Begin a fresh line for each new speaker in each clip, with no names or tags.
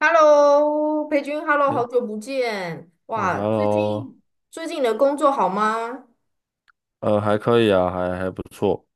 Hello，裴君，Hello，好久
哎
不见！
哎
哇，最
，Hello,
近最近你的工作好吗？
还可以啊，还不错。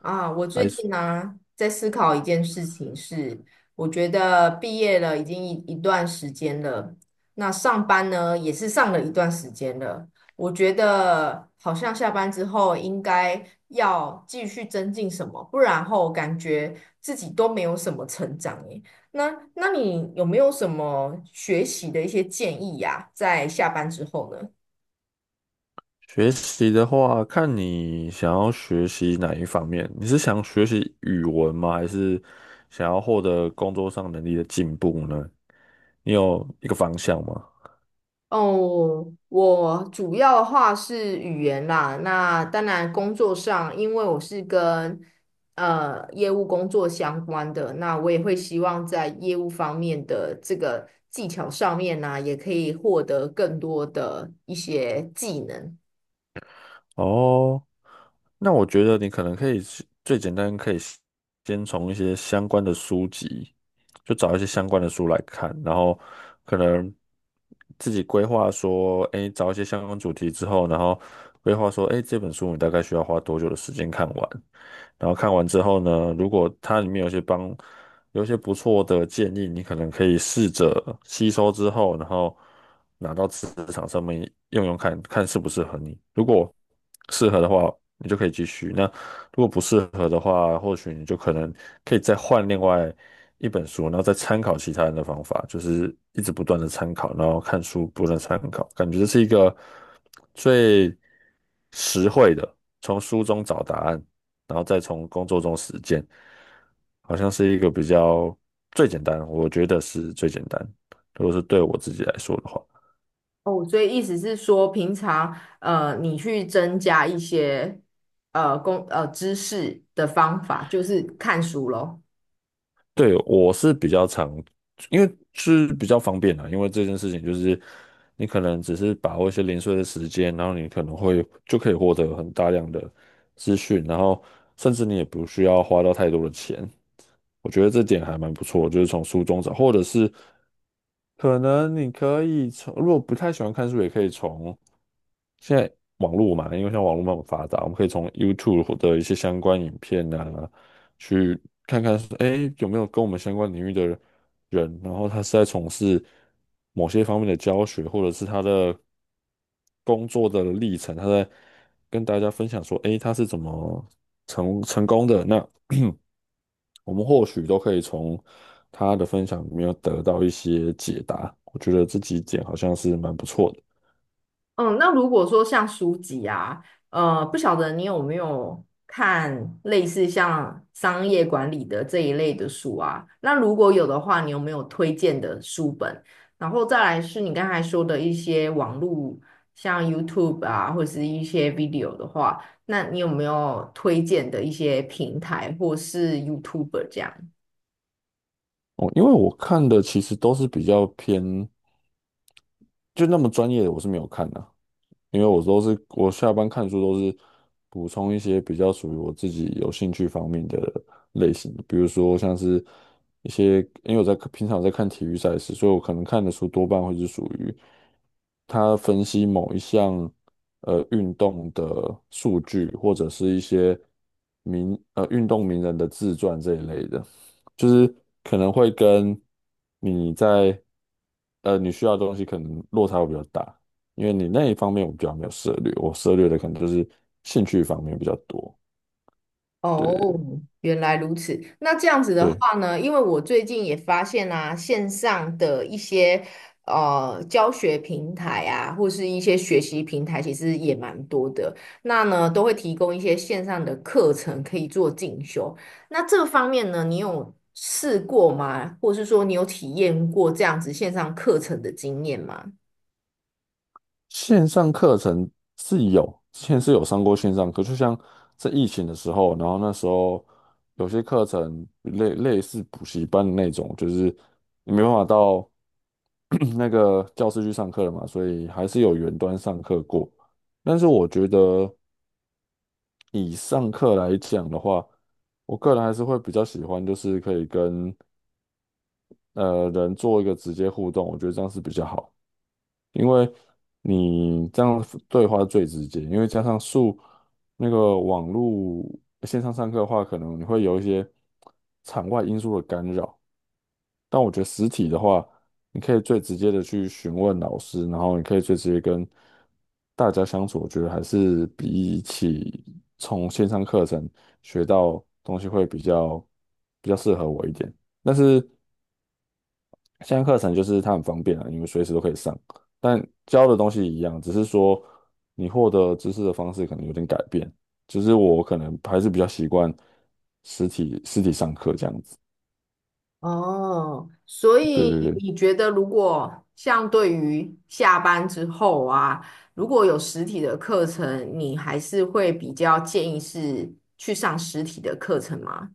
啊，我最
还是
近呢在思考一件事情是，我觉得毕业了已经一段时间了，那上班呢也是上了一段时间了，我觉得好像下班之后应该要继续增进什么，不然后感觉自己都没有什么成长诶。那你有没有什么学习的一些建议呀，在下班之后呢？
学习的话，看你想要学习哪一方面。你是想学习语文吗？还是想要获得工作上能力的进步呢？你有一个方向吗？
哦，我主要的话是语言啦。那当然，工作上，因为我是跟业务工作相关的，那我也会希望在业务方面的这个技巧上面呢、也可以获得更多的一些技能。
哦。那我觉得你可能可以是最简单，可以先从一些相关的书籍，就找一些相关的书来看，然后可能自己规划说，哎，找一些相关主题之后，然后规划说，哎，这本书你大概需要花多久的时间看完？然后看完之后呢，如果它里面有一些不错的建议，你可能可以试着吸收之后，然后拿到职场上面用用看，看适不适合你。如果适合的话，你就可以继续；那如果不适合的话，或许你就可能可以再换另外一本书，然后再参考其他人的方法，就是一直不断的参考，然后看书不断地参考，感觉这是一个。最实惠的，从书中找答案，然后再从工作中实践，好像是一个比较最简单，我觉得是最简单。如果是对我自己来说的话，
哦，所以意思是说，平常你去增加一些呃工呃知识的方法，就是看书咯。
对，我是比较常，因为是比较方便啊，因为这件事情就是你可能只是把握一些零碎的时间，然后你可能会就可以获得很大量的资讯，然后甚至你也不需要花到太多的钱。我觉得这点还蛮不错，就是从书中找，或者是可能你可以从，如果不太喜欢看书，也可以从现在网络嘛，因为像网络那么发达，我们可以从 YouTube 的一些相关影片啊，去看看说，哎，有没有跟我们相关领域的人，然后他是在从事某些方面的教学，或者是他的工作的历程，他在跟大家分享说，哎，他是怎么成功的，那我们或许都可以从他的分享里面得到一些解答。我觉得这几点好像是蛮不错的
嗯，那如果说像书籍啊，不晓得你有没有看类似像商业管理的这一类的书啊？那如果有的话，你有没有推荐的书本？然后再来是你刚才说的一些网络，像 YouTube 啊，或是一些 video 的话，那你有没有推荐的一些平台或是 YouTuber 这样？
哦，因为我看的其实都是比较偏，就那么专业的我是没有看的、因为我都是我下班看书都是补充一些比较属于我自己有兴趣方面的类型，比如说像是一些，因为我在平常有在看体育赛事，所以我可能看的书多半会是属于他分析某一项运动的数据，或者是一些运动名人的自传这一类的。就是可能会跟你在你需要的东西可能落差会比较大，因为你那一方面我比较没有涉猎，我涉猎的可能就是兴趣方面比较多。
哦，原来如此。那这样子的
对，
话呢，因为我最近也发现啊，线上的一些教学平台啊，或是一些学习平台，其实也蛮多的。那呢，都会提供一些线上的课程可以做进修。那这方面呢，你有试过吗？或是说你有体验过这样子线上课程的经验吗？
线上课程是有，之前是有上过线上课，就像在疫情的时候，然后那时候有些课程类似补习班的那种，就是你没办法到 那个教室去上课了嘛，所以还是有远端上课过。但是我觉得以上课来讲的话，我个人还是会比较喜欢，就是可以跟人做一个直接互动，我觉得这样是比较好，因为你这样对话最直接，因为加上数那个网络线上上课的话，可能你会有一些场外因素的干扰，但我觉得实体的话，你可以最直接的去询问老师，然后你可以最直接跟大家相处，我觉得还是比起从线上课程学到东西会比较适合我一点。但是现在课程就是它很方便啊，你们随时都可以上，但教的东西一样，只是说你获得知识的方式可能有点改变。就是我可能还是比较习惯实体上课这样子。
哦，所
对对
以
对，
你觉得，如果像对于下班之后啊，如果有实体的课程，你还是会比较建议是去上实体的课程吗？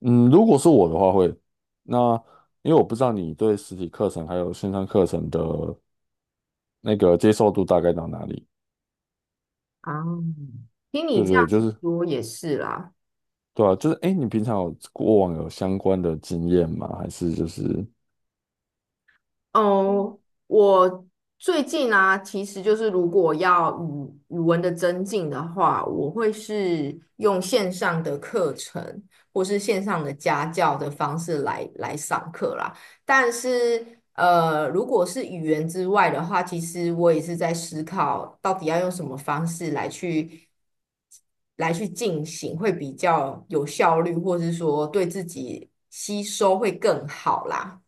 嗯，如果是我的话会，那因为我不知道你对实体课程还有线上课程的那个接受度大概到哪里。
啊，听你
对对，
这
对
样
就
子
是
说也是啦。
对啊，就是哎，诶你平常有过往有相关的经验吗？还是就是？
哦，我最近啊，其实就是如果要语文的增进的话，我会是用线上的课程或是线上的家教的方式来上课啦。但是，如果是语言之外的话，其实我也是在思考，到底要用什么方式来去进行，会比较有效率，或是说对自己吸收会更好啦。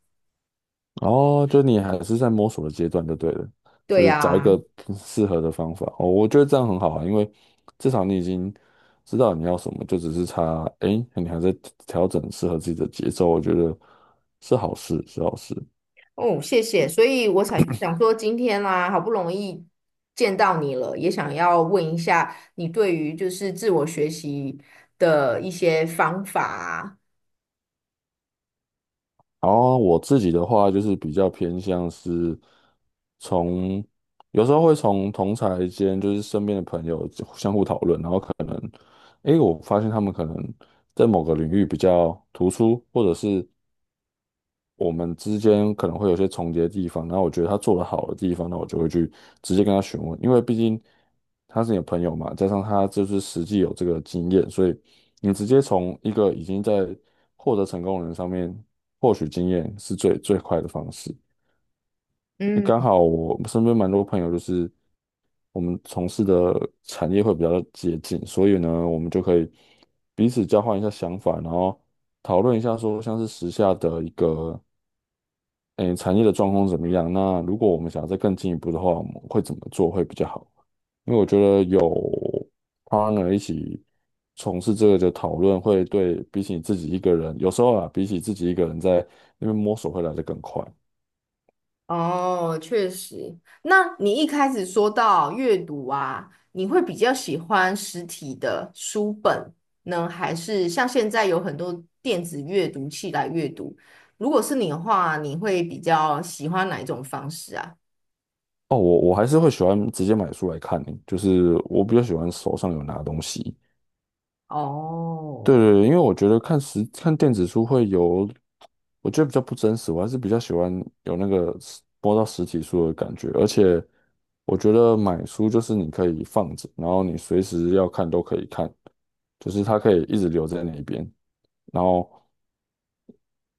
哦，就你还是在摸索的阶段就对了，
对
就是找一
呀、
个适合的方法。哦，我觉得这样很好啊，因为至少你已经知道你要什么，就只是差，诶，你还在调整适合自己的节奏，我觉得是好事，是好事。
哦，谢谢。
嗯
所以我才想说，今天啦、好不容易见到你了，也想要问一下你对于就是自我学习的一些方法啊。
然后我自己的话就是比较偏向是从，有时候会从同才间，就是身边的朋友相互讨论，然后可能，诶，我发现他们可能在某个领域比较突出，或者是我们之间可能会有些重叠的地方，然后我觉得他做得好的地方，那我就会去直接跟他询问，因为毕竟他是你的朋友嘛，加上他就是实际有这个经验，所以你直接从一个已经在获得成功的人上面获取经验是最快的方式。
嗯，
刚好我身边蛮多朋友，就是我们从事的产业会比较接近，所以呢，我们就可以彼此交换一下想法，然后讨论一下说像是时下的一个。诶，产业的状况怎么样？那如果我们想要再更进一步的话，我们会怎么做会比较好？因为我觉得有 partner 一起从事这个的讨论，会对比起自己一个人，有时候啊，比起自己一个人在那边摸索会来得更快。
哦，确实。那你一开始说到阅读啊，你会比较喜欢实体的书本呢，还是像现在有很多电子阅读器来阅读？如果是你的话，你会比较喜欢哪一种方式啊？
哦，我还是会喜欢直接买书来看，就是我比较喜欢手上有拿东西。对
哦，
对对，因为我觉得看电子书会有，我觉得比较不真实，我还是比较喜欢有那个摸到实体书的感觉，而且我觉得买书就是你可以放着，然后你随时要看都可以看，就是它可以一直留在那边，然后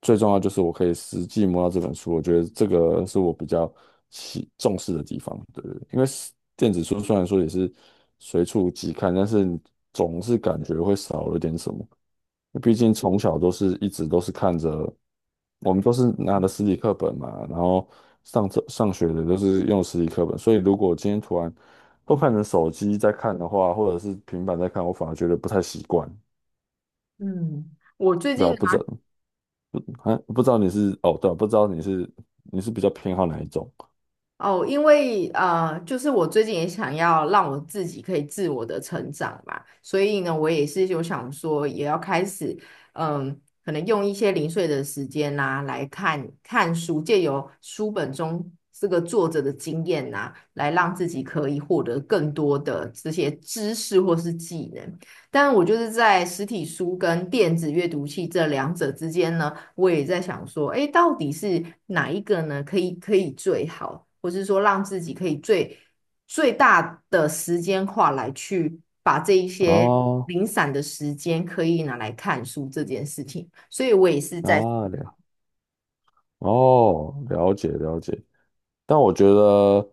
最重要就是我可以实际摸到这本书，我觉得这个是我比较重视的地方，对对，对因为是电子书虽然说也是随处即看，但是总是感觉会少了点什么。毕竟从小都是一直都是看着，我们都是拿的实体课本嘛，然后上学的都是用实体课本，所以如果今天突然都看成手机在看的话，或者是平板在看，我反而觉得不太习惯，
嗯，我最
对
近
啊，
呢
不知道，啊，不知道你是哦，对啊不知道你是你是比较偏好哪一种
哦，因为就是我最近也想要让我自己可以自我的成长嘛，所以呢，我也是有想说，也要开始，嗯，可能用一些零碎的时间呐、来看看书，借由书本中这个作者的经验呐、来让自己可以获得更多的这些知识或是技能。但我就是在实体书跟电子阅读器这两者之间呢。我也在想说，哎，到底是哪一个呢？可以最好，或是说让自己可以最大的时间化来去把这一些
哦
零散的时间可以拿来看书这件事情。所以我也是在
啊了哦，了解了解，但我觉得。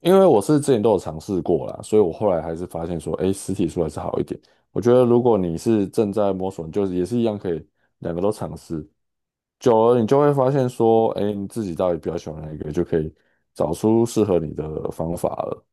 因为我是之前都有尝试过啦，所以我后来还是发现说，哎，实体书还是好一点。我觉得如果你是正在摸索，你就是也是一样可以两个都尝试，久了你就会发现说，哎，你自己到底比较喜欢哪一个，就可以找出适合你的方法了。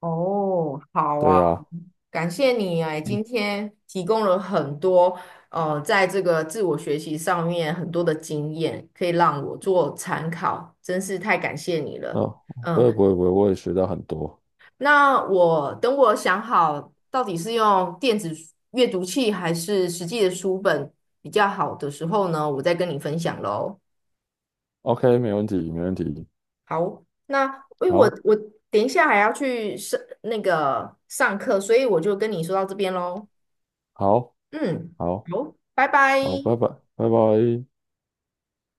哦，好
对
啊，
呀，
感谢你哎，今天提供了很多呃，在这个自我学习上面很多的经验，可以让我做参考，真是太感谢你
嗯，
了。
不
嗯，
会不会不会，我也学到很多。
那我等我想好到底是用电子书阅读器还是实际的书本比较好的时候呢，我再跟你分享喽。
OK,没问题没问题，
好，那因为我
好，
我等一下还要去上那个上课，所以我就跟你说到这边喽。
好，
嗯，
好，
好，拜
好，
拜。
拜拜，拜拜。